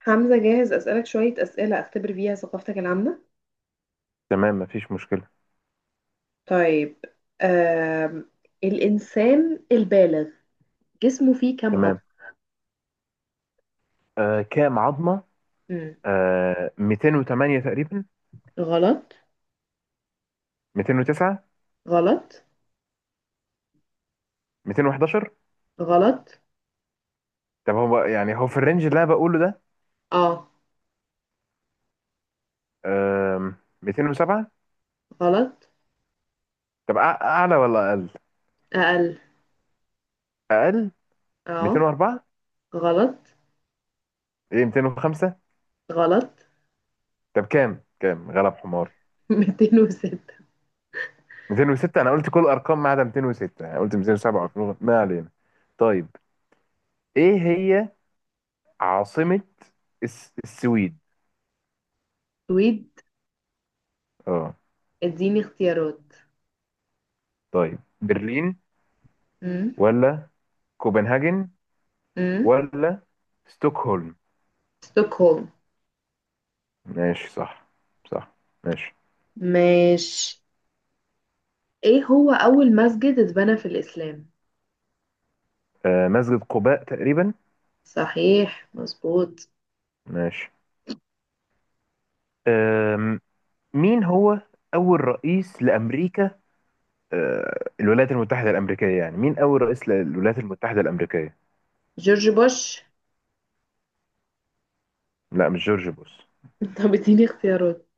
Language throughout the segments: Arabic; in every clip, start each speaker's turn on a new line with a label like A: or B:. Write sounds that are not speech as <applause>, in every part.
A: حمزة، جاهز أسألك شوية أسئلة أختبر بيها ثقافتك العامة.
B: تمام مفيش مشكلة.
A: طيب. آم. الإنسان البالغ جسمه فيه كم
B: تمام.
A: عضلة؟
B: كام عظمة؟
A: مم.
B: 208 تقريبا.
A: غلط.
B: 209.
A: غلط.
B: 211.
A: غلط.
B: طب هو يعني هو في الرينج اللي انا بقوله ده.
A: اه.
B: آه 207.
A: غلط.
B: طب اعلى ولا اقل؟
A: أقل.
B: اقل.
A: اه.
B: 204.
A: غلط.
B: ايه، 205.
A: غلط.
B: طب كام غلب حماري؟
A: <laughs> 206.
B: 206. انا قلت كل الارقام ما عدا 206، يعني قلت 207 و 200. ما علينا. طيب، ايه هي عاصمة السويد؟
A: سويد.
B: اه.
A: اديني اختيارات.
B: طيب، برلين
A: مم.
B: ولا كوبنهاجن
A: مم.
B: ولا ستوكهولم؟
A: ستوكهولم.
B: ماشي صح. صح. ماشي.
A: ماشي. ايه هو أول مسجد اتبنى في الإسلام؟
B: مسجد قباء تقريبا.
A: صحيح، مظبوط.
B: ماشي. آم، مين هو أول رئيس لأمريكا؟ الولايات المتحدة الأمريكية، يعني مين أول رئيس للولايات المتحدة الأمريكية؟
A: جورج بوش.
B: لا، مش جورج بوش.
A: طب اديني اختيارات.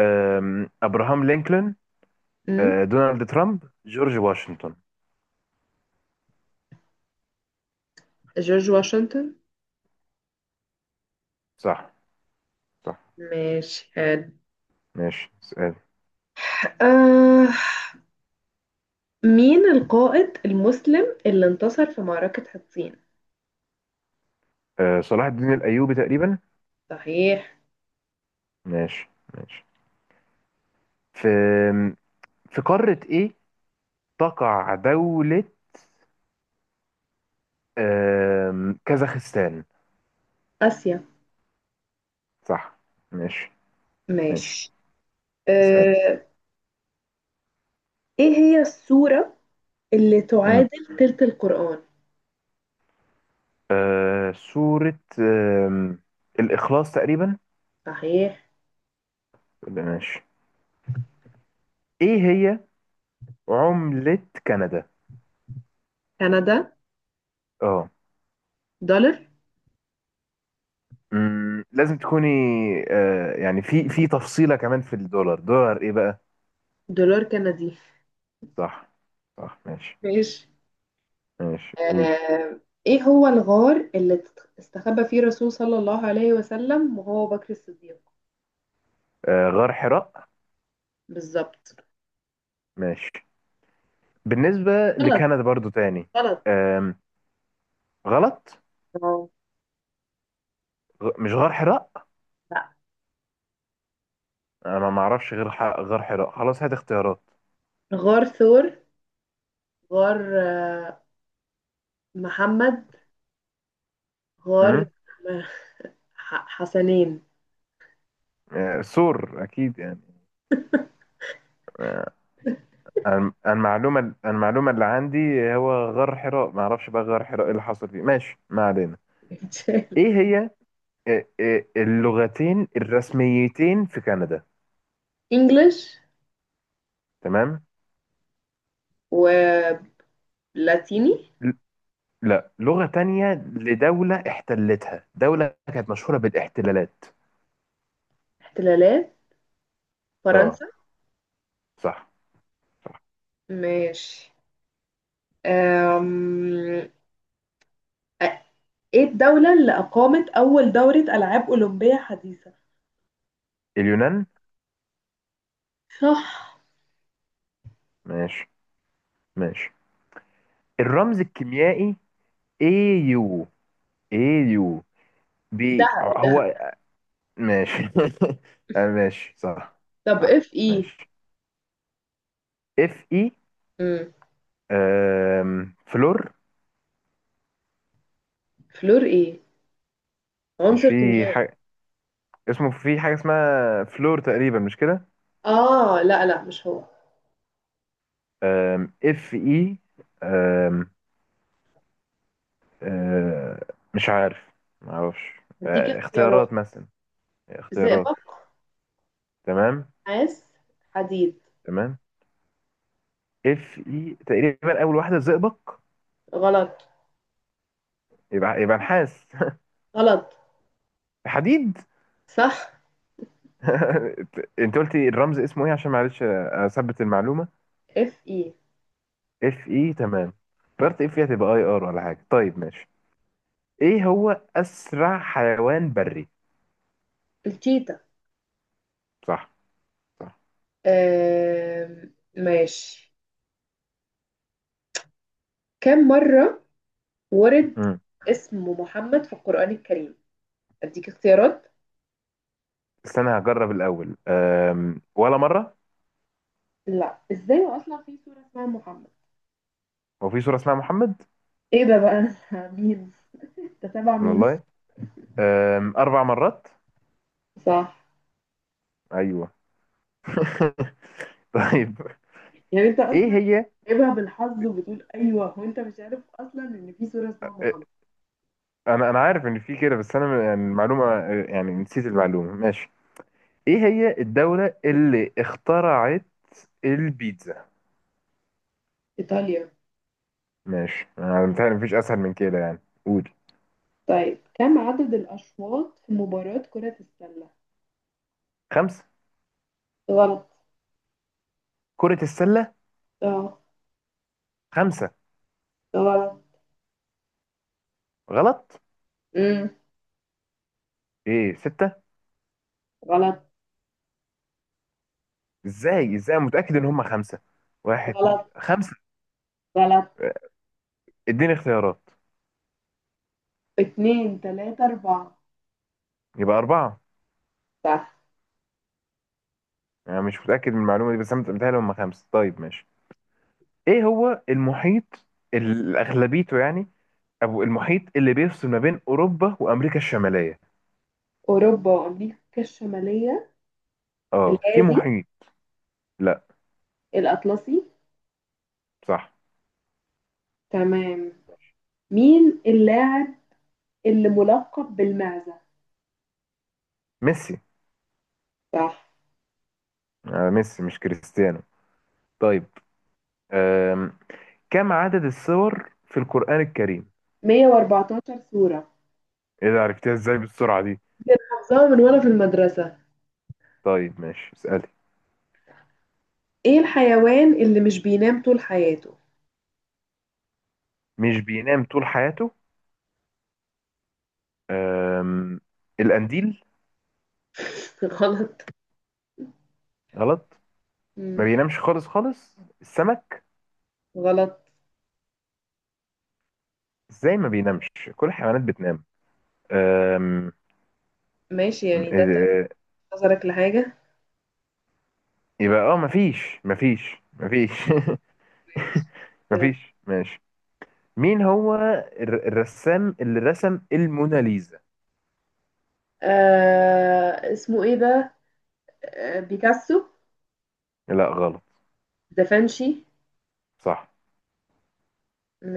B: أبراهام لينكولن.
A: امم
B: دونالد ترامب. جورج واشنطن.
A: جورج واشنطن.
B: صح. صح.
A: ماشي، حلو.
B: ماشي سؤال.
A: آه. مين القائد المسلم اللي انتصر في معركة حطين؟
B: صلاح الدين الأيوبي تقريبا.
A: صحيح.
B: ماشي ماشي. في قارة إيه تقع دولة كازاخستان؟
A: آسيا.
B: صح. ماشي ماشي.
A: ماشي.
B: اسأل.
A: آه. ايه هي السورة اللي
B: مم.
A: تعادل تلت القرآن؟
B: سورة آم، الإخلاص تقريبا.
A: صحيح.
B: ولا ماشي. إيه هي عملة كندا؟
A: كندا.
B: اه.
A: دولار.
B: مم، لازم تكوني يعني في تفصيلة كمان، في الدولار، دولار إيه بقى؟
A: دولار كندي.
B: صح. صح ماشي.
A: ماشي.
B: ماشي قولي.
A: آه. ايه هو الغار اللي استخبى فيه الرسول صلى الله عليه وسلم وهو بكر الصديق؟
B: غار حراء.
A: بالظبط.
B: ماشي. بالنسبة
A: غلط.
B: لكندا برضو تاني.
A: غلط.
B: آم، غلط.
A: اه.
B: مش غار حراء.
A: لا.
B: انا ما اعرفش غير ح... غير حراء. خلاص هات اختيارات.
A: غار ثور. غار. آه، محمد. غار.
B: امم.
A: آه، حسنين.
B: سور اكيد يعني. آه، المعلومه المعلومه اللي عندي هو غار حراء. ما اعرفش بقى غار حراء ايه اللي حصل فيه. ماشي ما علينا.
A: <laughs>
B: ايه هي اللغتين الرسميتين في كندا؟
A: انجلش.
B: تمام.
A: ولاتيني.
B: ل- لا، لغه تانية لدوله احتلتها، دوله كانت مشهوره بالاحتلالات.
A: احتلالات.
B: اه.
A: فرنسا.
B: صح. صح.
A: ماشي. أم... أ- ايه الدولة اللي أقامت أول دورة ألعاب أولمبية حديثة؟
B: اليونان.
A: صح.
B: ماشي ماشي. الرمز الكيميائي AU. AU بي
A: دهب دهب.
B: هو؟ ماشي <laughs> ماشي صح.
A: طب
B: صح
A: اف ايه؟
B: ماشي. اف اي
A: مم.
B: فلور؟
A: فلور ايه؟
B: مش
A: عنصر
B: في
A: كيميائي.
B: حاجة اسمه، في حاجة اسمها فلور تقريبا مش كده؟
A: اه، لا لا، مش هو.
B: اف اي مش عارف. معرفش.
A: هديك اختيارات.
B: اختيارات مثلا، اختيارات.
A: زئبق.
B: تمام.
A: نحاس. حديد.
B: تمام. اف اي تقريبا، اول واحدة زئبق.
A: غلط.
B: يبقى نحاس.
A: غلط.
B: <laughs> حديد.
A: صح.
B: <laughs> انت قلتي الرمز اسمه ايه عشان معلش اثبت المعلومة.
A: اف اي.
B: اف اي تمام. فكرت اف اي هتبقى اي ار ولا حاجه. طيب ماشي. ايه هو اسرع حيوان بري؟
A: التيتا.
B: صح. صح.
A: ماشي. كم مرة ورد
B: امم.
A: اسم محمد في القرآن الكريم؟ اديك اختيارات.
B: استنى هجرب الاول. ولا مره؟
A: لا، ازاي اصلا في سورة اسمها محمد.
B: هو في سوره اسمها محمد؟
A: ايه ده بقى؟ <laughs> مين تتابع مين؟
B: والله. اربع مرات.
A: صح.
B: ايوه <laughs> طيب،
A: يعني انت
B: ايه
A: اصلا
B: هي.
A: جايبها بالحظ وبتقول ايوه وانت مش عارف اصلا ان في سورة اسمها
B: آه،
A: محمد.
B: انا عارف ان في كده بس انا يعني المعلومه، يعني نسيت المعلومه. ماشي. ايه هي الدوله اللي اخترعت البيتزا؟
A: ايطاليا.
B: ماشي، انا متهيألي مفيش اسهل من كده يعني. قول.
A: طيب كم عدد الاشواط في مباراة كرة السلة؟
B: خمسه.
A: غلط.
B: كرة السلة.
A: اه.
B: خمسة.
A: غلط.
B: غلط.
A: مم.
B: ايه، ستة.
A: غلط.
B: ازاي أنا متأكد ان هم خمسة. واحد اتنين
A: غلط.
B: خمسة.
A: غلط.
B: اديني اختيارات.
A: اتنين تلاتة أربعة.
B: يبقى أربعة.
A: صح.
B: أنا مش متأكد من المعلومة دي بس أنا متهيألي هم خمسة. طيب ماشي. إيه هو المحيط أغلبيته يعني، أو المحيط اللي بيفصل ما بين أوروبا وأمريكا الشمالية؟
A: أوروبا وأمريكا الشمالية.
B: أه، في
A: الهادي.
B: محيط. لا.
A: الأطلسي.
B: صح.
A: تمام. مين اللاعب اللي ملقب بالمعزة؟
B: ميسي.
A: صح.
B: آه ميسي مش كريستيانو. طيب. أم. كم عدد السور في القرآن الكريم؟
A: 114 صورة.
B: إيه ده، عرفتها إزاي بالسرعة دي؟
A: حافظاها من وأنا في المدرسة.
B: طيب ماشي اسألي.
A: إيه الحيوان اللي مش بينام طول حياته؟
B: مش بينام طول حياته؟ أم... القنديل.
A: <laughs> غلط.
B: غلط. ما
A: مم.
B: بينامش خالص خالص، السمك.
A: غلط.
B: ازاي ما بينامش؟ كل الحيوانات بتنام. أم...
A: ماشي، يعني ده طرف
B: إيه-
A: نظرك لحاجة.
B: يبقى اه مفيش مفيش مفيش <laughs>
A: ماشي. يلا.
B: مفيش ماشي. مين هو الرسام اللي رسم الموناليزا؟
A: آه اسمه ايه ده؟ آه بيكاسو.
B: لا غلط.
A: دافنشي.
B: صح.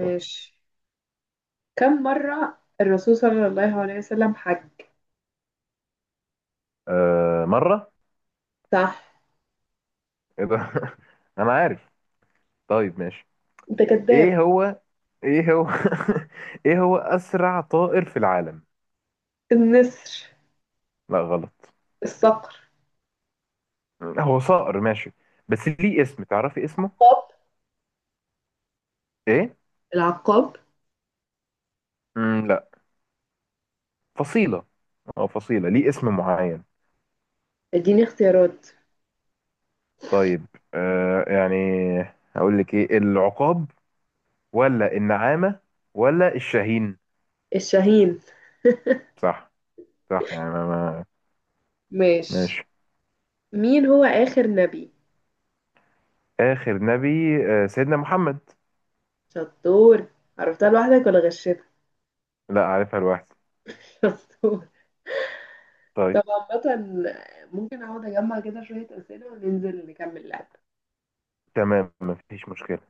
B: صح.
A: كم مرة الرسول صلى الله عليه وسلم حج؟
B: مرة.
A: صح.
B: ايه ده <laughs> انا عارف. طيب ماشي.
A: انت كذاب.
B: ايه هو ايه هو <laughs> ايه هو اسرع طائر في العالم؟
A: النسر.
B: لا غلط.
A: الصقر.
B: هو صقر ماشي، بس ليه اسم، تعرفي اسمه
A: العقاب.
B: ايه؟
A: العقاب.
B: مم، لا. فصيلة. اه، فصيلة ليه اسم معين.
A: اديني اختيارات.
B: طيب، يعني هقول لك ايه: العقاب ولا النعامة ولا الشاهين؟
A: الشاهين.
B: صح. صح يعني
A: ماشي.
B: ماشي.
A: مين هو آخر نبي؟
B: آخر نبي سيدنا محمد.
A: شطور. عرفتها لوحدك ولا غشيتك؟
B: لا، عارفها لوحدي.
A: <laughs> شطور.
B: طيب.
A: طب عامة ممكن اقعد اجمع كده شوية أسئلة وننزل نكمل لعب.
B: تمام مفيش مشكلة.